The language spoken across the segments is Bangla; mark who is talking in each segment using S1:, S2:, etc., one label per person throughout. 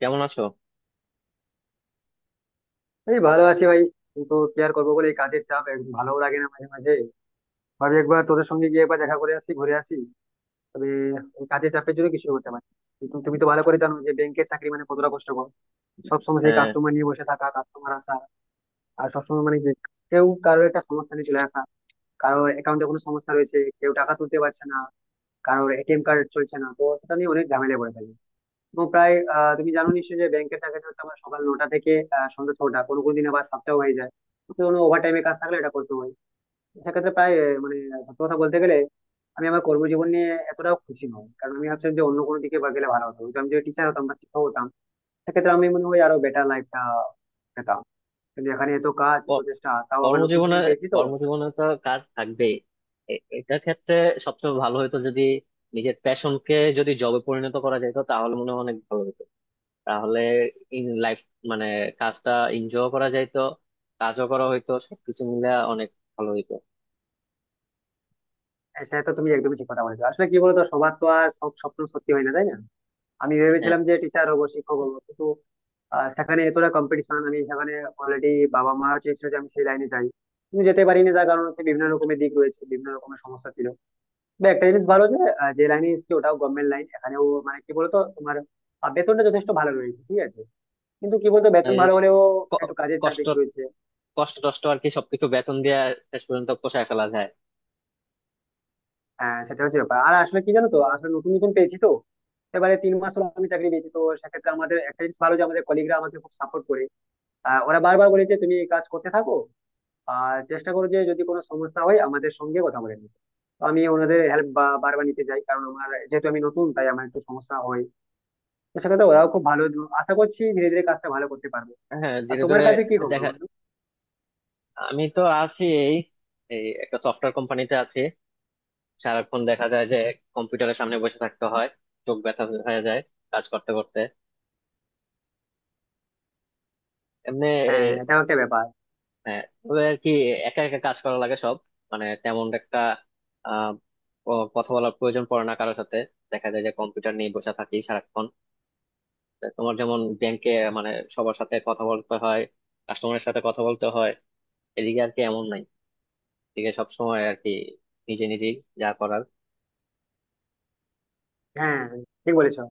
S1: কেমন আছো?
S2: এই ভালো আছি ভাই। কিন্তু কি আর করবো বলে এই কাজের চাপ ভালোও লাগে না মাঝে মাঝে ভাবি একবার তোদের সঙ্গে গিয়ে একবার দেখা করে আসি ঘুরে আসি। তবে এই কাজের চাপের জন্য কিছু করতে পারি। কিন্তু তুমি তো ভালো করে জানো যে ব্যাংকের চাকরি মানে কতটা কষ্টকর। সবসময় সেই
S1: হ্যাঁ।
S2: কাস্টমার নিয়ে বসে থাকা, কাস্টমার আসা, আর সবসময় মানে যে কেউ কারোর একটা সমস্যা নিয়ে চলে আসা, কারোর অ্যাকাউন্টে কোনো সমস্যা রয়েছে, কেউ টাকা তুলতে পারছে না, কারোর এটিএম কার্ড চলছে না, তো সেটা নিয়ে অনেক ঝামেলায় পড়ে থাকে। এবং প্রায় তুমি জানো নিশ্চয়ই যে ব্যাংকের চাকরিটা হচ্ছে আমার সকাল 9টা থেকে সন্ধ্যা 6টা, কোনো কোনো দিন আবার 7টাও হয়ে যায়। তো কোনো ওভার টাইমে কাজ থাকলে এটা করতে হয়। সেক্ষেত্রে প্রায় মানে সত্যি কথা বলতে গেলে আমি আমার কর্মজীবন নিয়ে এতটাও খুশি নই, কারণ আমি ভাবছিলাম যে অন্য কোনো দিকে বা গেলে ভালো হতো, হয়তো আমি যদি টিচার হতাম বা শিক্ষক হতাম সেক্ষেত্রে আমি মনে হয় আরো বেটার লাইফটা পেতাম। কিন্তু এখানে এত কাজ, এত
S1: ক-
S2: চেষ্টা, তাও আবার নতুন
S1: কর্মজীবনে,
S2: নতুন পেয়েছি তো।
S1: তো কাজ থাকবেই। এটার ক্ষেত্রে সবচেয়ে ভালো হতো যদি নিজের প্যাশনকে যদি জবে পরিণত করা যেত, তাহলে মনে হয় অনেক ভালো হতো। তাহলে ইন লাইফ মানে কাজটা এনজয় করা যাইতো, কাজও করা হইতো, সবকিছু মিলে অনেক ভালো হইতো।
S2: হ্যাঁ, সেটা তো তুমি একদমই ঠিক কথা বলেছো। আসলে কি বলতো, সবার তো আর সব স্বপ্ন সত্যি হয় না, তাই না। আমি
S1: হ্যাঁ।
S2: ভেবেছিলাম যে টিচার হবো, শিক্ষক হবো, কিন্তু আর সেখানে এতটা কম্পিটিশন, আমি সেখানে অলরেডি বাবা মা চেয়েছিল যে আমি সেই লাইনে যাই, কিন্তু যেতে পারিনি। তার কারণ হচ্ছে বিভিন্ন রকমের দিক রয়েছে, বিভিন্ন রকমের সমস্যা ছিল। তবে একটা জিনিস ভালো যে যে লাইনে এসেছি ওটাও গভর্নমেন্ট লাইন, এখানেও মানে কি বলতো তোমার বেতনটা যথেষ্ট ভালো রয়েছে, ঠিক আছে। কিন্তু কি বলতো, বেতন
S1: এই
S2: ভালো হলেও
S1: ক-
S2: একটু কাজের চাপ
S1: কষ্ট,
S2: বেশি রয়েছে।
S1: টষ্ট আর কি, সবকিছু বেতন দিয়ে শেষ পর্যন্ত পোষায় ফেলা যায়।
S2: হ্যাঁ, সেটা হচ্ছে ব্যাপার। আর আসলে কি জানো তো, আসলে নতুন নতুন পেয়েছি তো। এবারে 3 মাস হলো আমি চাকরি পেয়েছি, তো সেক্ষেত্রে আমাদের একটা জিনিস ভালো যে আমাদের কলিগরা আমাকে খুব সাপোর্ট করে। ওরা বারবার বলেছে তুমি এই কাজ করতে থাকো আর চেষ্টা করো যে যদি কোনো সমস্যা হয় আমাদের সঙ্গে কথা বলে নিতে। তো আমি ওনাদের হেল্প বারবার নিতে যাই কারণ আমার যেহেতু আমি নতুন, তাই আমার একটু সমস্যা হয়। তো সেক্ষেত্রে ওরাও খুব ভালো। আশা করছি ধীরে ধীরে কাজটা ভালো করতে পারবে।
S1: হ্যাঁ,
S2: আর
S1: ধীরে
S2: তোমার
S1: ধীরে।
S2: কাছে কি খবর
S1: দেখা,
S2: বন্ধু?
S1: আমি তো আছি এই, এই একটা সফটওয়্যার কোম্পানিতে আছি। সারাক্ষণ দেখা যায় যে কম্পিউটারের সামনে বসে থাকতে হয়, চোখ ব্যথা হয়ে যায় কাজ করতে করতে, এমনি। এ,
S2: হ্যাঁ, এটাও একটা ব্যাপার।
S1: হ্যাঁ, তবে আর কি, একা একা কাজ করা লাগে সব। মানে তেমন একটা আহ কথা বলার প্রয়োজন পড়ে না কারোর সাথে। দেখা যায় যে কম্পিউটার নিয়ে বসে থাকি সারাক্ষণ। তা তোমার যেমন ব্যাংকে, মানে সবার সাথে কথা বলতে হয়, কাস্টমারের সাথে কথা বলতে হয়, এদিকে আর কি এমন নাই। এদিকে সবসময় আর কি নিজে নিজেই যা করার।
S2: হ্যাঁ, ঠিক বলেছো।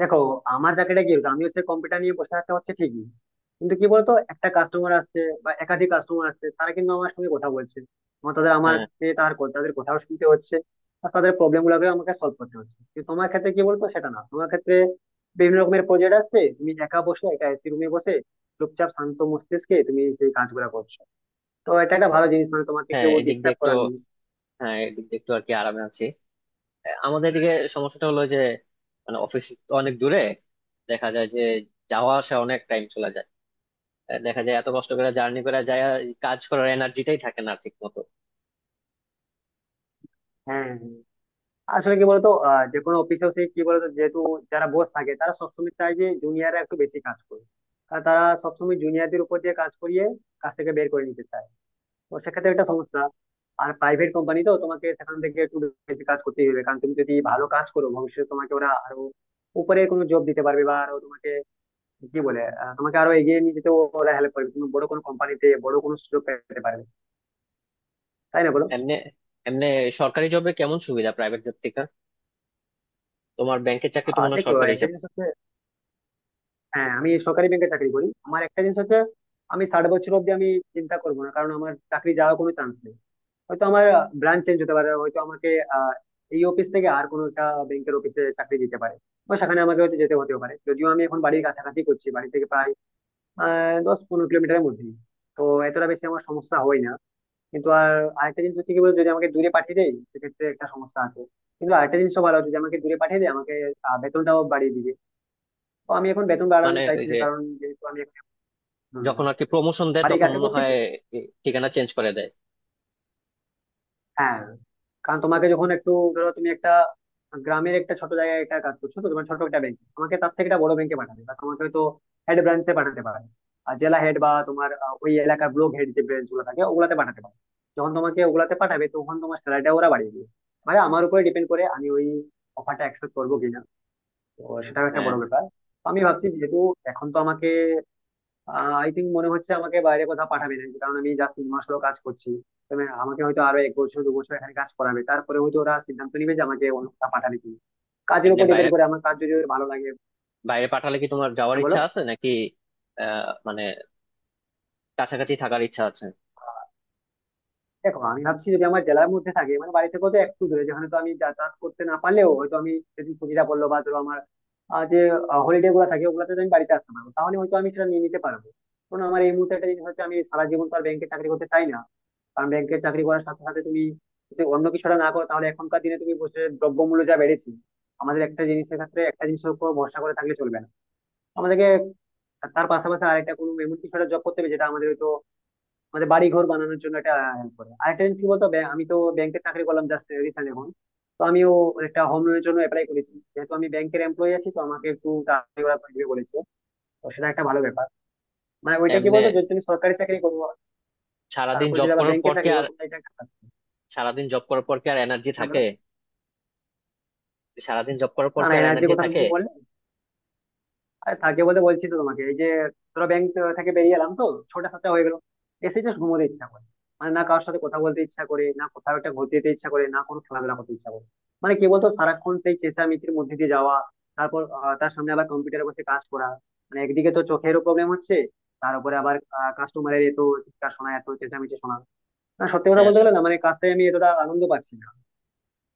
S2: দেখো, আমার চাকরিটা কি হতো? আমিও সে কম্পিউটার নিয়ে বসে থাকতে হচ্ছে ঠিকই, কিন্তু কি বলতো একটা কাস্টমার আসছে বা একাধিক কাস্টমার আসছে, তারা কিন্তু আমার সঙ্গে কথা বলছে, আমার তাদের আমার
S1: হ্যাঁ।
S2: কে তার তাদের কথাও শুনতে হচ্ছে। আর তাদের প্রবলেম গুলোকে আমাকে সলভ করতে হচ্ছে। কিন্তু তোমার ক্ষেত্রে কি বলতো, সেটা না, তোমার ক্ষেত্রে বিভিন্ন রকমের প্রজেক্ট আসছে, তুমি একা বসে, একা এসি রুমে বসে চুপচাপ শান্ত মস্তিষ্কে তুমি সেই কাজগুলো করছো। তো এটা একটা ভালো জিনিস, মানে তোমাকে
S1: হ্যাঁ
S2: কেউ
S1: এদিক দিয়ে
S2: ডিস্টার্ব
S1: একটু
S2: করার নেই।
S1: হ্যাঁ, এদিক দিয়ে একটু আর কি আরামে আছি। আমাদের এদিকে সমস্যাটা হলো যে মানে অফিস তো অনেক দূরে, দেখা যায় যে যাওয়া আসা অনেক টাইম চলে যায়। দেখা যায় এত কষ্ট করে জার্নি করে যায়, কাজ করার এনার্জিটাই থাকে না ঠিক মতো।
S2: হ্যাঁ, আসলে কি বলতো যে কোনো অফিসেও সেই কি বলতো, যেহেতু যারা বস থাকে তারা সবসময় চায় যে জুনিয়ররা একটু বেশি কাজ করুক। কারণ তারা সবসময় জুনিয়রদের উপর দিয়ে কাজ করিয়ে কাজ থেকে বের করে নিতে চায়। তো সেক্ষেত্রে একটা সমস্যা। আর প্রাইভেট কোম্পানি তো তোমাকে সেখান থেকে একটু বেশি কাজ করতেই হবে, কারণ তুমি যদি ভালো কাজ করো ভবিষ্যতে তোমাকে ওরা আরো উপরে কোনো জব দিতে পারবে, বা আরো তোমাকে কি বলে তোমাকে আরো এগিয়ে নিয়ে যেতে ওরা হেল্প করবে, তুমি বড় কোনো কোম্পানিতে বড় কোনো সুযোগ পেতে পারবে। তাই না বলো।
S1: এমনি এমনি সরকারি জবে কেমন সুবিধা প্রাইভেট জব থেকে? তোমার ব্যাংকের চাকরি তো
S2: আর
S1: মনে হয়
S2: দেখো,
S1: সরকারি
S2: একটা
S1: হিসাব।
S2: জিনিস হচ্ছে, হ্যাঁ, আমি সরকারি ব্যাংকে চাকরি করি। আমার একটা জিনিস হচ্ছে আমি 60 বছর অব্দি আমি চিন্তা করবো না, কারণ আমার চাকরি যাওয়ার কোনো চান্স নেই। হয়তো আমার ব্রাঞ্চ চেঞ্জ হতে পারে, হয়তো আমাকে আহ, এই অফিস থেকে আর কোনো একটা ব্যাংকের অফিসে চাকরি দিতে পারে, বা সেখানে আমাকে হয়তো যেতে হতেও পারে। যদিও আমি এখন বাড়ির কাছাকাছি করছি, বাড়ি থেকে প্রায় 10-15 কিলোমিটারের মধ্যে। তো এতটা বেশি আমার সমস্যা হয় না। কিন্তু আর আরেকটা জিনিস হচ্ছে কি বলতো, যদি আমাকে দূরে পাঠিয়ে দেয় সেক্ষেত্রে একটা সমস্যা আছে। কিন্তু আরেকটা জিনিসও ভালো, যদি আমাকে দূরে পাঠিয়ে দেয় আমাকে বেতনটাও বাড়িয়ে দিবে। তো আমি এখন বেতন বাড়ানো
S1: মানে ওই
S2: চাইছি না,
S1: যে
S2: কারণ যেহেতু আমি, হুম,
S1: যখন আর কি প্রমোশন দেয়
S2: বাড়ির
S1: তখন
S2: কাছে
S1: মনে
S2: করছি
S1: হয়
S2: তো।
S1: এ, ঠিকানা চেঞ্জ করে দেয়।
S2: হ্যাঁ, কারণ তোমাকে যখন একটু, ধরো তুমি একটা গ্রামের একটা ছোট জায়গায় একটা কাজ করছো, তো তোমার ছোট একটা ব্যাংক আমাকে তার থেকে একটা বড় ব্যাংকে পাঠাবে, বা তোমাকে হয়তো হেড ব্রাঞ্চে পাঠাতে পারে, আর জেলা হেড বা তোমার ওই এলাকার ব্লক হেড যে ব্রাঞ্চ গুলো থাকে ওগুলাতে পাঠাতে পারে। যখন তোমাকে ওগুলাতে পাঠাবে তখন তোমার স্যালারিটা ওরা বাড়িয়ে দেবে। মানে আমার উপরে ডিপেন্ড করে আমি ওই অফারটা অ্যাকসেপ্ট করবো কিনা। তো সেটাও একটা
S1: হ্যাঁ।
S2: বড় ব্যাপার। তো আমি ভাবছি যেহেতু এখন তো আমাকে আই থিঙ্ক মনে হচ্ছে আমাকে বাইরে কোথাও পাঠাবে না, কারণ আমি যা 3 মাস হলো কাজ করছি। তবে আমাকে হয়তো আরো 1 বছর 2 বছর এখানে কাজ করাবে, তারপরে হয়তো ওরা সিদ্ধান্ত নিবে যে আমাকে অন্য কোথাও পাঠাবে কিনা, কাজের
S1: এমনি
S2: উপর
S1: বাইরে
S2: ডিপেন্ড করে। আমার কাজ যদি ওর ভালো লাগে।
S1: বাইরে পাঠালে কি তোমার যাওয়ার
S2: হ্যাঁ বলো।
S1: ইচ্ছা আছে নাকি? মানে কাছাকাছি থাকার ইচ্ছা আছে।
S2: দেখো আমি ভাবছি যদি আমার জেলার মধ্যে থাকে, মানে বাড়ি থেকে তো একটু দূরে যেখানে, তো আমি যাতায়াত করতে না পারলেও হয়তো আমি যদি ছুটিটা বললো, বা ধরো আমার যে হলিডে গুলো থাকে ওগুলোতে তো আমি বাড়িতে আসতে পারবো, তাহলে হয়তো আমি সেটা নিয়ে নিতে পারবো। কারণ আমার এই মুহূর্তে একটা জিনিস হচ্ছে, আমি সারা জীবন তো আর ব্যাংকে চাকরি করতে চাই না। কারণ ব্যাংকের চাকরি করার সাথে সাথে তুমি যদি অন্য কিছুটা না করো তাহলে এখনকার দিনে, তুমি বসে, দ্রব্যমূল্য যা বেড়েছে, আমাদের একটা জিনিসের ক্ষেত্রে একটা জিনিসের উপর ভরসা করে থাকলে চলবে না। আমাদেরকে তার পাশাপাশি আরেকটা কোনো এমন কিছু জব করতে হবে যেটা আমাদের হয়তো আমাদের বাড়ি ঘর বানানোর জন্য এটা হেল্প করে। আরেকটা জিনিস কি বলতো, আমি তো ব্যাংকের চাকরি করলাম জাস্ট রিসেন্ট এখন, তো আমিও একটা হোম লোনের জন্য অ্যাপ্লাই করেছি। যেহেতু আমি ব্যাংকের এমপ্লয়ি আছি তো আমাকে একটু তাড়াতাড়ি ওরা দিবে বলেছে। তো সেটা একটা ভালো ব্যাপার। মানে ওইটা কি
S1: এমনি
S2: বলতো, যদি তুমি সরকারি চাকরি করবো,
S1: সারাদিন
S2: তারপরে
S1: জব
S2: যদি আবার
S1: করার
S2: ব্যাংকে
S1: পর কি
S2: চাকরি
S1: আর,
S2: করো তুমি, এটা একটা কাজ।
S1: সারাদিন জব করার পর কি আর এনার্জি
S2: হ্যাঁ, বলো।
S1: থাকে সারাদিন জব করার পর
S2: না
S1: কি
S2: না,
S1: আর
S2: এনার্জির
S1: এনার্জি
S2: কথা তুমি
S1: থাকে?
S2: কি, আরে থাকে বলতে বলছি তো তোমাকে এই যে, ধরো ব্যাংক থেকে বেরিয়ে এলাম তো, 6টা-7টা হয়ে গেল, এসে জাস্ট ঘুমোতে ইচ্ছা করে। মানে না কারোর সাথে কথা বলতে ইচ্ছা করে, না কোথাও একটা ঘুরতে যেতে ইচ্ছা করে, না কোনো খেলাধুলা করতে ইচ্ছা করে। মানে কি বলতো সারাক্ষণ সেই চেঁচামেচির মধ্যে দিয়ে যাওয়া, তারপর তার সামনে আবার কম্পিউটারে বসে কাজ করা, মানে একদিকে তো চোখেরও প্রবলেম হচ্ছে, তার উপরে আবার কাস্টমারের এত চিৎকার শোনা, এত চেঁচামেচি শোনা। না সত্যি কথা
S1: আহ,
S2: বলতে
S1: স-
S2: গেলে না মানে কাজটাই আমি এতটা আনন্দ পাচ্ছি না।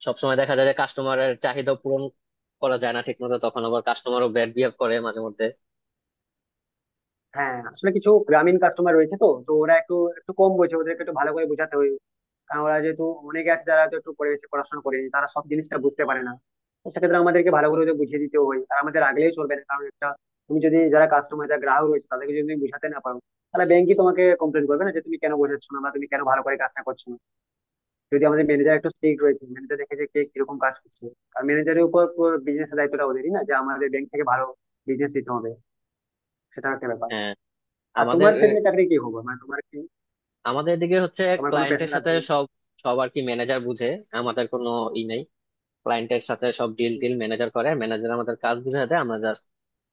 S1: সবসময় দেখা যায় যে কাস্টমারের চাহিদা পূরণ করা যায় না ঠিক মতো, তখন আবার কাস্টমারও ব্যাড বিহেভ করে মাঝে মধ্যে।
S2: হ্যাঁ আসলে কিছু গ্রামীণ কাস্টমার রয়েছে তো তো ওরা একটু একটু কম বোঝে, ওদেরকে একটু ভালো করে বোঝাতে হয়। আমরা যেহেতু অনেকে আছে যারা তো একটু পরিবেশে পড়াশোনা করেনি, তারা সব জিনিসটা বুঝতে পারে না। তো সেক্ষেত্রে আমাদেরকে ভালো করে ওদের বুঝিয়ে দিতে হয়। আর আমাদের আগলেই চলবে না, কারণ একটা, তুমি যদি যারা কাস্টমার যারা গ্রাহক রয়েছে তাদেরকে যদি তুমি বুঝাতে না পারো, তাহলে ব্যাংকই তোমাকে কমপ্লেন করবে না যে তুমি কেন বোঝাচ্ছ না, বা তুমি কেন ভালো করে কাজটা করছো না। যদি আমাদের ম্যানেজার একটু স্ট্রিক্ট রয়েছে, ম্যানেজার দেখে যে কে কিরকম কাজ করছে। আর ম্যানেজারের উপর বিজনেসের দায়িত্বটা ওদেরই, না, যে আমাদের ব্যাংক থেকে ভালো বিজনেস দিতে হবে। সেটা একটা ব্যাপার।
S1: হ্যাঁ।
S2: আর
S1: আমাদের
S2: তোমার সেদিনে চাকরি কি হবে, মানে তোমার কি,
S1: আমাদের দিকে হচ্ছে
S2: তোমার কোনো পেশা
S1: ক্লায়েন্টের সাথে
S2: আছে?
S1: সব, সব আর কি ম্যানেজার বুঝে। আমাদের কোনো ই নেই। ক্লায়েন্টের সাথে সব ডিল টিল ম্যানেজার করে, ম্যানেজার আমাদের কাজ বুঝে দেয়, আমরা জাস্ট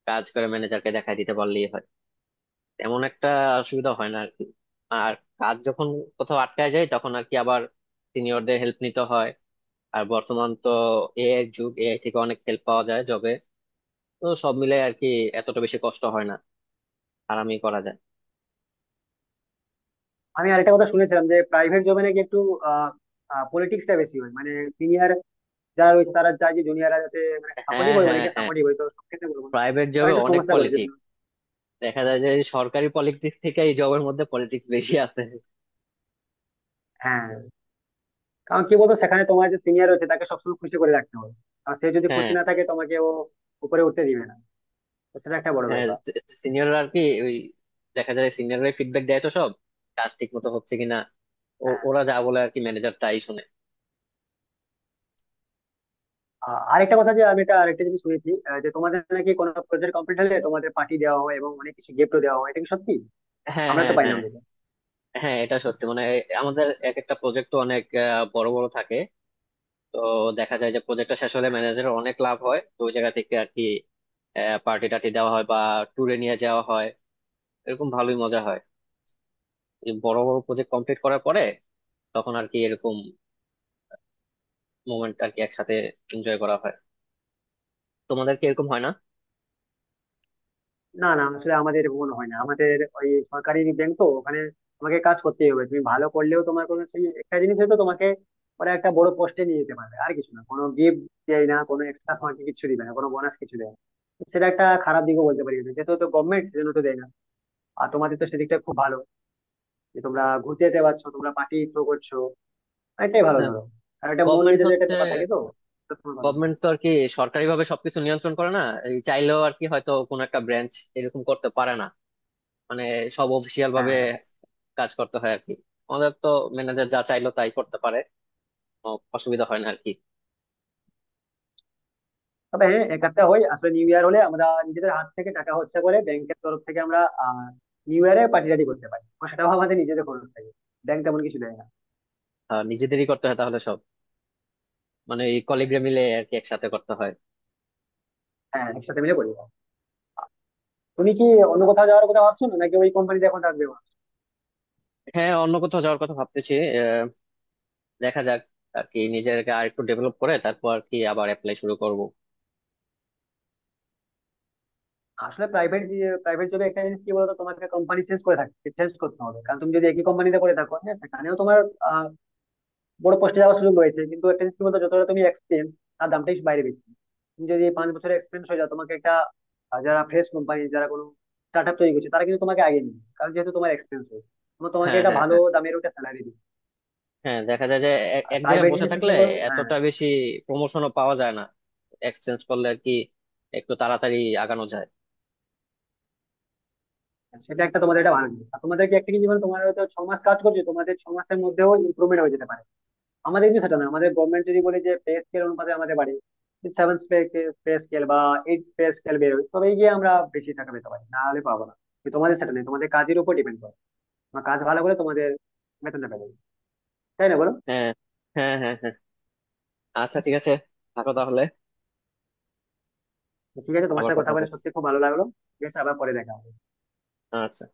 S1: কাজ করে ম্যানেজারকে দেখাই দিতে পারলেই হয়। তেমন একটা অসুবিধা হয় না আর কি। আর কাজ যখন কোথাও আটকায় যায় তখন আর কি আবার সিনিয়রদের হেল্প নিতে হয়। আর বর্তমান তো এআই যুগ, এআই থেকে অনেক হেল্প পাওয়া যায় জবে। তো সব মিলে আর কি এতটা বেশি কষ্ট হয় না, আরামই করা যায়।
S2: আমি আরেকটা কথা শুনেছিলাম যে প্রাইভেট জবে নাকি একটু পলিটিক্সটা বেশি হয়, মানে সিনিয়র যারা রয়েছে তারা চায় যে জুনিয়ররা যাতে মানে সাপোর্টিভ
S1: হ্যাঁ,
S2: হয়।
S1: হ্যাঁ,
S2: অনেকে
S1: হ্যাঁ,
S2: সাপোর্টিভ হয়, তো সব ক্ষেত্রে বলবো না,
S1: প্রাইভেট
S2: তারা
S1: জবে
S2: একটু
S1: অনেক
S2: সমস্যা করে যদি।
S1: পলিটিক্স। দেখা যায় যে সরকারি পলিটিক্স থেকে এই জবের মধ্যে পলিটিক্স বেশি আছে।
S2: হ্যাঁ, কারণ কি বলতো সেখানে তোমার যে সিনিয়র রয়েছে তাকে সবসময় খুশি করে রাখতে হবে। আর সে যদি
S1: হ্যাঁ।
S2: খুশি না থাকে তোমাকে ও উপরে উঠতে দিবে না। তো সেটা একটা বড়
S1: হ্যাঁ,
S2: ব্যাপার।
S1: সিনিয়ররা আর কি, ওই, দেখা যায় সিনিয়ররা ফিডব্যাক দেয় তো সব কাজ ঠিক মতো হচ্ছে কিনা।
S2: হ্যাঁ।
S1: ওরা যা বলে আর কি ম্যানেজার তাই শুনে।
S2: আরেকটা কথা যে আমি এটা আরেকটা জিনিস শুনেছি যে তোমাদের নাকি কোনো প্রজেক্ট কমপ্লিট হলে তোমাদের পার্টি দেওয়া হয় এবং অনেক কিছু গিফটও দেওয়া হয়, এটা কি সত্যি?
S1: হ্যাঁ,
S2: আমরা
S1: হ্যাঁ,
S2: তো পাই না।
S1: হ্যাঁ, হ্যাঁ এটা সত্যি। মানে আমাদের এক একটা প্রজেক্ট তো অনেক বড় বড় থাকে। তো দেখা যায় যে প্রজেক্টটা শেষ হলে ম্যানেজারের অনেক লাভ হয়, তো ওই জায়গা থেকে আর কি পার্টি টাটি দেওয়া হয় বা ট্যুরে নিয়ে যাওয়া হয়। এরকম ভালোই মজা হয় এই বড় বড় প্রজেক্ট কমপ্লিট করার পরে। তখন আর কি এরকম মোমেন্ট আর কি একসাথে এনজয় করা হয়। তোমাদের কি এরকম হয় না?
S2: না না আসলে আমাদের এমন হয় না, আমাদের ওই সরকারি ব্যাংক তো, ওখানে তোমাকে কাজ করতেই হবে, তুমি ভালো করলেও তোমার কোনো, সেই একটা জিনিস হয়তো তোমাকে ওরা একটা বড় পোস্টে নিয়ে যেতে পারবে, আর কিছু না, কোনো গিফট দেয় না, কোনো এক্সট্রা তোমাকে কিছু দিবে না, কোনো বোনাস কিছু দেয় না। সেটা একটা খারাপ দিকও বলতে পারি আমি। যেহেতু তো গভর্নমেন্ট, সেজন্য তো দেয় না। আর তোমাদের তো সেদিকটা খুব ভালো, যে তোমরা ঘুরতে যেতে পারছো, তোমরা পার্টি থ্রো করছো। এটাই ভালো
S1: হ্যাঁ,
S2: ধরো। আর একটা মন
S1: গভর্নমেন্ট
S2: মেজাজের একটা
S1: হচ্ছে,
S2: ব্যাপার থাকে তো, তো তোমার ভালো।
S1: গভর্নমেন্ট তো আর কি সরকারি ভাবে সবকিছু নিয়ন্ত্রণ করে না। এই চাইলেও আর কি হয়তো কোনো একটা ব্রাঞ্চ এরকম করতে পারে না। মানে সব অফিসিয়াল ভাবে কাজ করতে হয় আর কি। আমাদের তো ম্যানেজার যা চাইলো তাই করতে পারে, কোনো অসুবিধা হয় না আর কি।
S2: তবে হ্যাঁ, একটা হয়, আসলে নিউ ইয়ার হলে আমরা নিজেদের হাত থেকে টাকা খরচা করে ব্যাংকের তরফ থেকে আমরা আহ নিউ ইয়ারে পার্টি টাটি করতে পারি, তো সেটাও আমাদের নিজেদের খরচ থাকে। ব্যাংক তেমন কিছু দেয় না।
S1: নিজেদেরই করতে হয় তাহলে সব, মানে এই কলিগরা মিলে আর কি একসাথে করতে হয়।
S2: হ্যাঁ, একসাথে মিলে করি। তুমি কি অন্য কোথাও যাওয়ার কথা ভাবছো না, নাকি ওই কোম্পানিতে এখন থাকবে?
S1: হ্যাঁ, অন্য কোথাও যাওয়ার কথা ভাবতেছি। আহ, দেখা যাক, আর কি নিজেকে আর একটু ডেভেলপ করে তারপর আর কি আবার অ্যাপ্লাই শুরু করব।
S2: আসলে প্রাইভেট প্রাইভেট জবে একটা জিনিস কি বলতো, তোমাকে কোম্পানি চেঞ্জ করে থাকতে, চেঞ্জ করতে হবে, কারণ তুমি যদি একই কোম্পানিতে করে থাকো, হ্যাঁ সেখানেও তোমার বড় পোস্টে যাওয়ার সুযোগ রয়েছে, কিন্তু একটা জিনিস কি বলতো, যতটা তুমি এক্সপিরিয়েন্স তার দামটাই বাইরে বেশি। তুমি যদি এই 5 বছরের এক্সপিরিয়েন্স হয়ে যাও তোমাকে একটা, যারা ফ্রেশ কোম্পানি, যারা কোনো স্টার্ট আপ তৈরি করছে, তারা কিন্তু তোমাকে আগে নিবে, কারণ যেহেতু তোমার এক্সপিরিয়েন্স রয়েছে। তোমার, তোমাকে
S1: হ্যাঁ,
S2: একটা
S1: হ্যাঁ,
S2: ভালো
S1: হ্যাঁ,
S2: দামের ওটা স্যালারি দিবে।
S1: হ্যাঁ, দেখা যায় যে এক
S2: আর
S1: এক জায়গায়
S2: প্রাইভেট
S1: বসে
S2: জিনিসে কি
S1: থাকলে
S2: বলো, হ্যাঁ,
S1: এতটা বেশি প্রমোশনও পাওয়া যায় না, এক্সচেঞ্জ করলে আর কি একটু তাড়াতাড়ি আগানো যায়।
S2: সেটা একটা তোমাদের একটা ভালো জিনিস। আর তোমাদেরকে একটা কি, জীবন তোমার হয়তো 6 মাস কাজ করছো, তোমাদের 6 মাসের মধ্যেও ইমপ্রুভমেন্ট হয়ে যেতে পারে। আমাদের কিন্তু সেটা না, আমাদের গভর্নমেন্ট যদি বলে যে পে স্কেল অনুপাতে আমাদের বাড়ে। সেভেন পে স্কেল বা এইট পে স্কেল বেরোয়, তবেই গিয়ে আমরা বেশি টাকা পেতে পারি, না হলে পাবো না। কিন্তু তোমাদের সেটা নেই, তোমাদের কাজের উপর ডিপেন্ড করে, তোমার কাজ ভালো করে তোমাদের বেতনটা পেয়ে যাবে। তাই না বলো।
S1: হ্যাঁ, হ্যাঁ, হ্যাঁ, হ্যাঁ, আচ্ছা, ঠিক আছে, থাকো তাহলে।
S2: তো ঠিক আছে, তোমার
S1: আবার
S2: সাথে
S1: কথা
S2: কথা
S1: হবে।
S2: বলে সত্যি খুব ভালো লাগলো। ঠিক আছে, আবার পরে দেখা হবে।
S1: আচ্ছা।